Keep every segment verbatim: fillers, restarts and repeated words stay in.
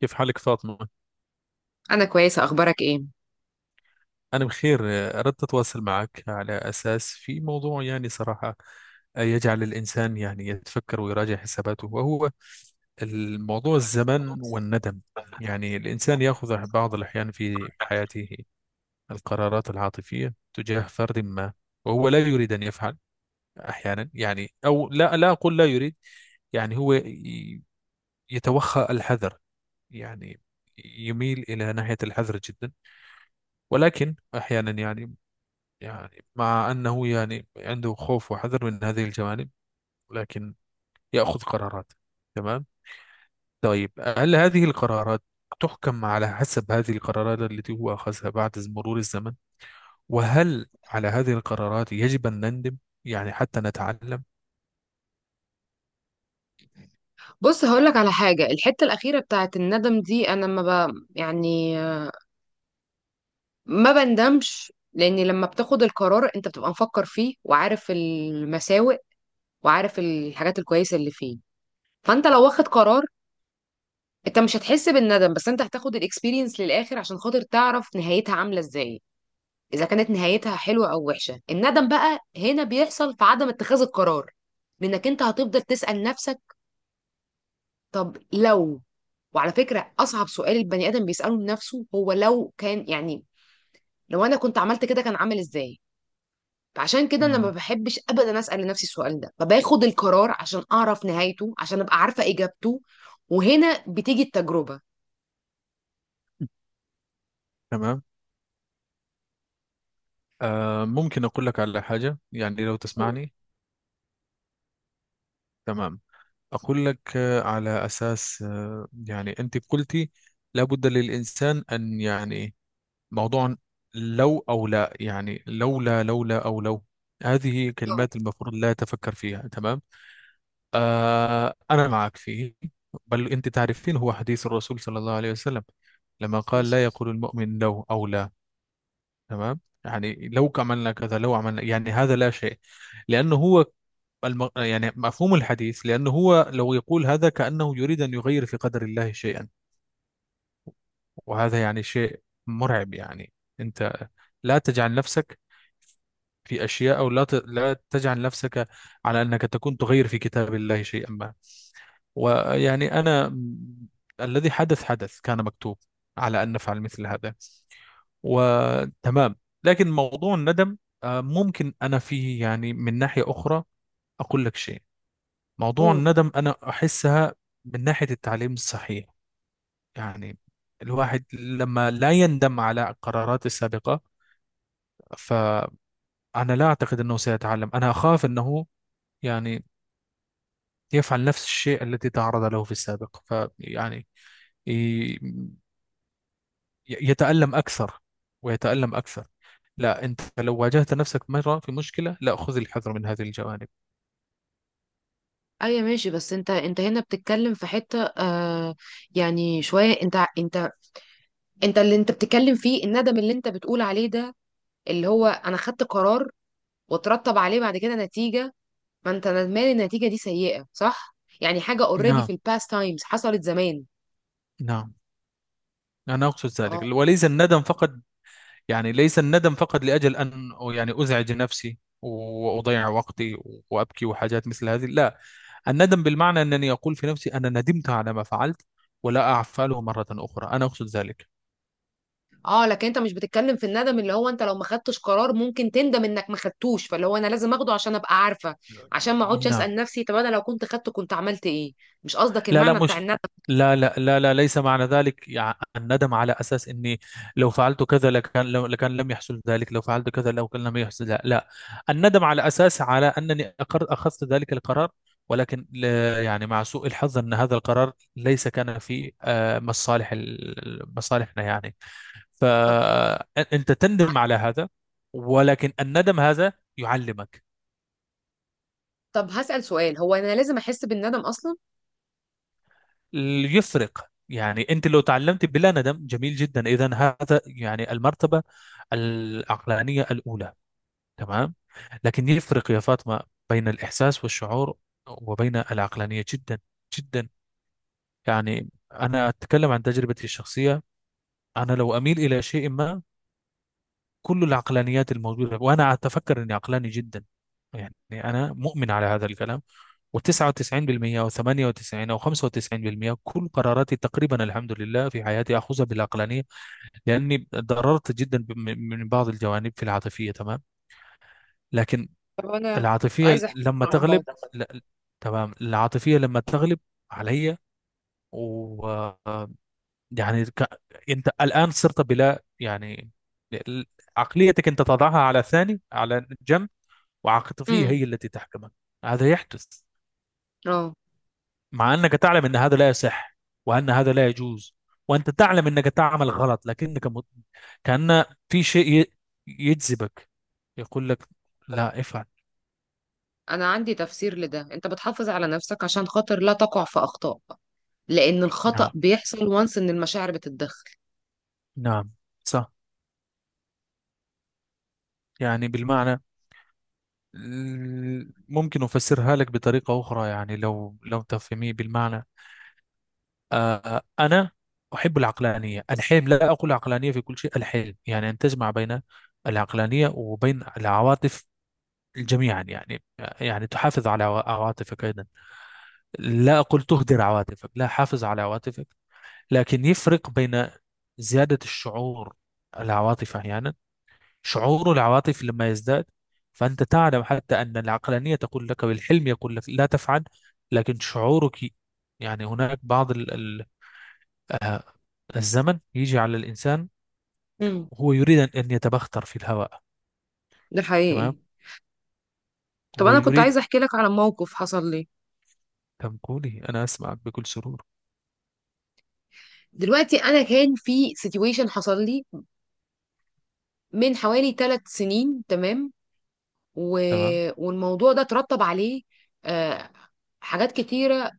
كيف حالك فاطمة؟ انا كويسه، اخبارك ايه؟ أنا بخير. أردت أتواصل معك على أساس في موضوع، يعني صراحة، يجعل الإنسان يعني يتفكر ويراجع حساباته، وهو الموضوع الزمن والندم. يعني الإنسان يأخذ بعض الأحيان في حياته القرارات العاطفية تجاه فرد ما، وهو لا يريد أن يفعل أحيانا، يعني، أو لا لا أقول لا يريد. يعني هو ي- يتوخى الحذر، يعني يميل إلى ناحية الحذر جدا. ولكن أحيانا يعني، يعني مع أنه يعني عنده خوف وحذر من هذه الجوانب، لكن يأخذ قرارات. تمام. طيب، هل هذه القرارات تحكم على حسب هذه القرارات التي هو أخذها بعد مرور الزمن؟ وهل على هذه القرارات يجب أن نندم، يعني حتى نتعلم؟ بص، هقولك على حاجه. الحته الاخيره بتاعت الندم دي انا ما ب... يعني ما بندمش، لان لما بتاخد القرار انت بتبقى مفكر فيه وعارف المساوئ وعارف الحاجات الكويسه اللي فيه. فانت لو واخد قرار، انت مش هتحس بالندم، بس انت هتاخد الاكسبيرينس للاخر عشان خاطر تعرف نهايتها عامله ازاي، اذا كانت نهايتها حلوه او وحشه. الندم بقى هنا بيحصل في عدم اتخاذ القرار، لانك انت هتفضل تسال نفسك طب لو وعلى فكرة، أصعب سؤال البني آدم بيسأله لنفسه هو لو كان، يعني لو أنا كنت عملت كده كان عامل إزاي. فعشان كده أنا ما مم. بحبش أبدا أسأل لنفسي السؤال ده، فباخد القرار عشان أعرف نهايته، عشان أبقى عارفة إجابته. وهنا بتيجي التجربة. تمام. آه ممكن أقول لك على حاجة، يعني لو تسمعني. تمام. أقول لك آه على أساس، آه يعني أنت قلتي لابد للإنسان أن، يعني موضوع لو أو لا، يعني لولا لولا أو لو، هذه اه، كلمات المفروض لا تفكر فيها. تمام. آه، أنا معك فيه. بل أنت تعرفين هو حديث الرسول صلى الله عليه وسلم لما قال بس. لا يقول المؤمن لو أو لا. تمام. يعني لو عملنا كذا لو عملنا، يعني هذا لا شيء. لأنه هو الم... يعني مفهوم الحديث، لأنه هو لو يقول هذا كأنه يريد أن يغير في قدر الله شيئا. وهذا يعني شيء مرعب. يعني أنت لا تجعل نفسك في أشياء، أو لا ت- لا تجعل نفسك على أنك تكون تغير في كتاب الله شيئا ما. ويعني أنا م- الذي حدث حدث، كان مكتوب على أن نفعل مثل هذا. وتمام. لكن موضوع الندم، آه، ممكن أنا فيه يعني من ناحية أخرى أقول لك شيء. موضوع قول. الندم أنا أحسها من ناحية التعليم الصحيح. يعني الواحد لما لا يندم على قراراته السابقة، فأنا لا أعتقد أنه سيتعلم، أنا أخاف أنه يعني يفعل نفس الشيء الذي تعرض له في السابق، فيعني ي- يتألم أكثر ويتألم أكثر. لا، أنت لو واجهت نفسك مرة في مشكلة، لا، خذ الحذر من هذه الجوانب. ايوه، ماشي. بس انت انت هنا بتتكلم في حته، آه يعني شويه، انت انت انت اللي انت بتتكلم فيه الندم اللي انت بتقول عليه ده، اللي هو انا خدت قرار وترتب عليه بعد كده نتيجه. ما انت ندمان إن النتيجه دي سيئه، صح؟ يعني حاجه اوريدي نعم. في الباست تايمز، حصلت زمان. نعم. أنا أقصد ذلك، اه. وليس الندم فقط. يعني ليس الندم فقط لأجل أن يعني أزعج نفسي وأضيع وقتي وأبكي وحاجات مثل هذه، لا. الندم بالمعنى أنني أقول في نفسي أنا ندمت على ما فعلت، ولا أفعله مرة أخرى. أنا أقصد ذلك. اه، لكن انت مش بتتكلم في الندم اللي هو انت لو ما خدتش قرار ممكن تندم انك ما خدتوش، فاللي هو انا لازم اخده عشان ابقى عارفه، عشان ما اقعدش نعم. اسال نفسي طب انا لو كنت خدته كنت عملت ايه. مش قصدك لا، لا، المعنى بتاع مش، الندم؟ لا لا لا لا، ليس معنى ذلك. يع- الندم على أساس إني لو فعلت كذا لكان، لو لكان لم يحصل ذلك، لو فعلت كذا لو كان لم يحصل. لا, لا. الندم على أساس، على أنني أقر أخذت ذلك القرار، ولكن ل- يعني مع سوء الحظ أن هذا القرار ليس كان في، آه، مصالح ال- مصالحنا يعني. طب. فأنت تندم على هذا. ولكن الندم هذا يعلمك. طب هسال سؤال، هو انا لازم احس بالندم اصلا؟ يفرق، يعني انت لو تعلمت بلا ندم جميل جدا، اذا هذا يعني المرتبه العقلانيه الاولى. تمام. لكن يفرق يا فاطمه بين الاحساس والشعور، وبين العقلانيه جدا جدا. يعني انا اتكلم عن تجربتي الشخصيه. انا لو اميل الى شيء ما، كل العقلانيات الموجودة، وأنا أتفكر أني عقلاني جدا، يعني أنا مؤمن على هذا الكلام. و99% أو ثمانية وتسعين أو خمسة وتسعين بالمية كل قراراتي تقريبا الحمد لله في حياتي أخذها بالعقلانية. لأني ضررت جدا، ب- من من بعض الجوانب في العاطفية. تمام. لكن طب انا العاطفية عايزه احكي لك لما عن تغلب، موقف. لا، تمام، العاطفية لما تغلب علي، و آه، يعني ك- أنت الآن صرت بلا يعني، عقليتك أنت تضعها على ثاني، على جنب، وعاطفية امم. هي التي تحكمك. هذا يحدث اه، مع أنك تعلم أن هذا لا يصح، وأن هذا لا يجوز، وأنت تعلم أنك تعمل غلط، لكنك م... كأن في شيء ي- يجذبك، يقول لك لا افعل. انا عندي تفسير لده. انت بتحافظ على نفسك عشان خاطر لا تقع في اخطاء، لان الخطأ نعم. بيحصل وانس ان المشاعر بتتدخل. نعم. صح. يعني بالمعنى، ال- ممكن أفسرها لك بطريقة أخرى، يعني لو لو تفهميه بالمعنى. آه، أنا أحب العقلانية الحلم، لا أقول عقلانية في كل شيء، الحلم يعني أن تجمع بين العقلانية وبين العواطف جميعا. يعني، يعني تحافظ على عوا- عواطفك أيضا. لا أقول تهدر عواطفك، لا، حافظ على عواطفك. لكن يفرق بين زيادة الشعور، العواطف أحيانا، شعور العواطف لما يزداد، فأنت تعلم حتى أن العقلانية تقول لك، والحلم يقول لك لا تفعل. لكن شعورك، يعني هناك بعض ال- ال- الزمن يجي على الإنسان، امم. وهو يريد أن أن يتبختر في الهواء. ده تمام. حقيقي. طب هو انا كنت يريد. عايزه احكي لك على موقف حصل لي كم، قولي، أنا أسمعك بكل سرور. دلوقتي. انا كان في سيتويشن حصل لي من حوالي ثلاث سنين. تمام. و... تمام. والموضوع ده ترتب عليه آه... حاجات كتيره.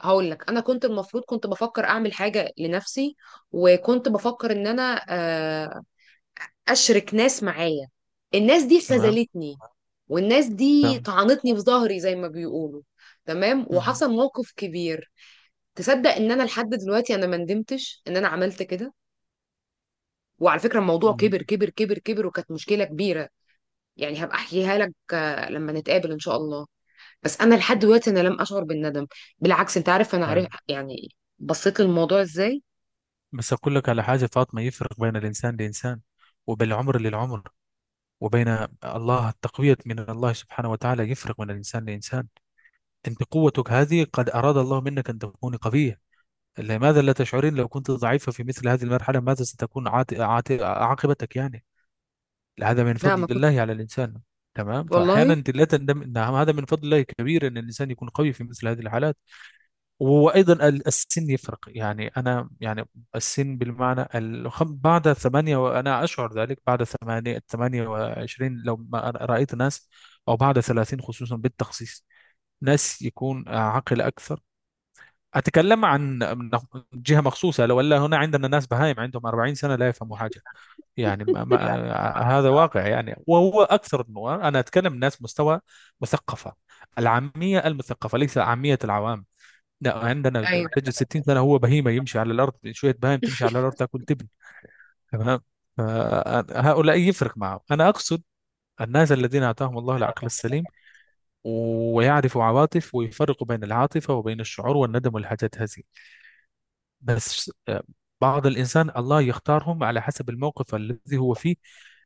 هقول لك، انا كنت المفروض كنت بفكر اعمل حاجه لنفسي، وكنت بفكر ان انا آه... اشرك ناس معايا. الناس دي تمام. خذلتني، والناس دي تمام. طعنتني في ظهري زي ما بيقولوا. تمام. مهم. وحصل موقف كبير. تصدق ان انا لحد دلوقتي انا ما ندمتش ان انا عملت كده؟ وعلى فكرة، الموضوع كبر كبر كبر كبر، وكانت مشكلة كبيرة. يعني هبقى احكيها لك لما نتقابل ان شاء الله. بس انا لحد دلوقتي انا لم اشعر بالندم. بالعكس، انت عارف انا عارف طيب، يعني بصيت للموضوع ازاي. بس أقول لك على حاجة فاطمة، يفرق بين الإنسان لإنسان، وبين العمر للعمر، وبين الله، التقوية من الله سبحانه وتعالى يفرق من الإنسان لإنسان. أنت قوتك هذه قد أراد الله منك أن تكوني قوية. لماذا لا تشعرين؟ لو كنت ضعيفة في مثل هذه المرحلة ماذا ستكون عات... عات... عاقبتك؟ يعني هذا من لا، ما فضل كنت. الله على الإنسان. تمام. فأحيانا والله. أنت لا تندم، أن هذا من فضل الله كبير، أن الإنسان يكون قوي في مثل هذه الحالات. وايضا ال- السن يفرق، يعني انا يعني السن بالمعنى الخم- بعد ثمانية، وانا اشعر ذلك، بعد ثمانية 28، لو ما أنا رايت ناس، او بعد ثلاثين خصوصا بالتخصيص، ناس يكون عاقل اكثر. اتكلم عن من جهه مخصوصه. لو ولا هنا عندنا ناس بهايم عندهم أربعين سنه لا يفهموا حاجه. يعني ما ما، هذا واقع. يعني وهو اكثر النوع. انا اتكلم ناس مستوى مثقفه، العاميه المثقفه، ليس عاميه العوام. لا، عندنا ايوه، البجي ستين سنه، هو بهيمه يمشي على الارض، شويه بهايم تمشي على الارض تاكل تبن. تمام. فهؤلاء يفرق معه. انا اقصد الناس الذين اتاهم الله العقل السليم، ويعرفوا عواطف ويفرقوا بين العاطفه وبين الشعور والندم والحاجات هذه. بس، آه، بعض الانسان الله يختارهم على حسب الموقف الذي هو فيه.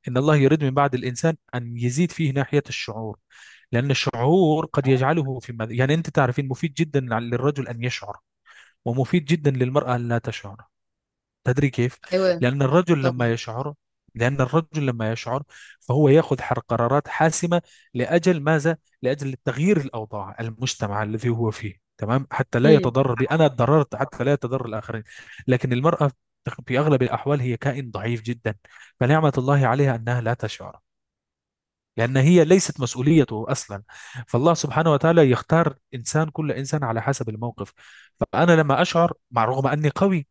ان الله يريد من بعض الانسان ان يزيد فيه ناحيه الشعور، لأن الشعور قد يجعله في مد... يعني أنت تعرفين مفيد جدا للرجل أن يشعر، ومفيد جدا للمرأة أن لا تشعر. تدري كيف؟ ايوه. لأن الرجل لما طبعا. يشعر، لأن الرجل لما يشعر فهو يأخذ حر- قرارات حاسمة. لأجل ماذا؟ لأجل تغيير الأوضاع المجتمع الذي هو فيه. تمام؟ حتى لا امم. يتضرر، بي أنا اتضررت، حتى لا يتضرر الآخرين. لكن المرأة في أغلب الأحوال هي كائن ضعيف جدا، فنعمة الله عليها أنها لا تشعر، لأن هي ليست مسؤوليته أصلا. فالله سبحانه وتعالى يختار إنسان كل إنسان على حسب الموقف. فأنا لما أشعر، مع رغم أني قوي،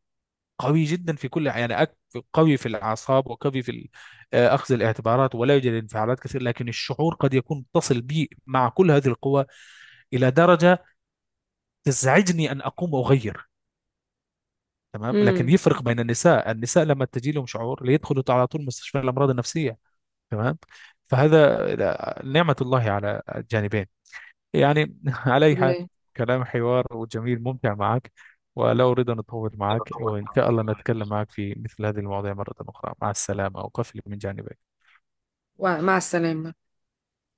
قوي جدا في كل يعني، أك- قوي في الأعصاب وقوي في ال- آه، أخذ الاعتبارات، ولا يوجد انفعالات كثير. لكن الشعور قد يكون متصل بي مع كل هذه القوى إلى درجة تزعجني أن أقوم وأغير. تمام. لكن امم. يفرق بين النساء، النساء لما تجي لهم شعور ليدخلوا على طول مستشفى الأمراض النفسية. تمام. فهذا، آه، نعمة الله على الجانبين. يعني على أي حال، كلها. كلام حوار وجميل ممتع معك. ولا أريد أن أطول معك، وإن شاء الله نتكلم معك في مثل هذه المواضيع مرة أخرى. مع السلامة، أقفل من جانبك. ومع السلامة.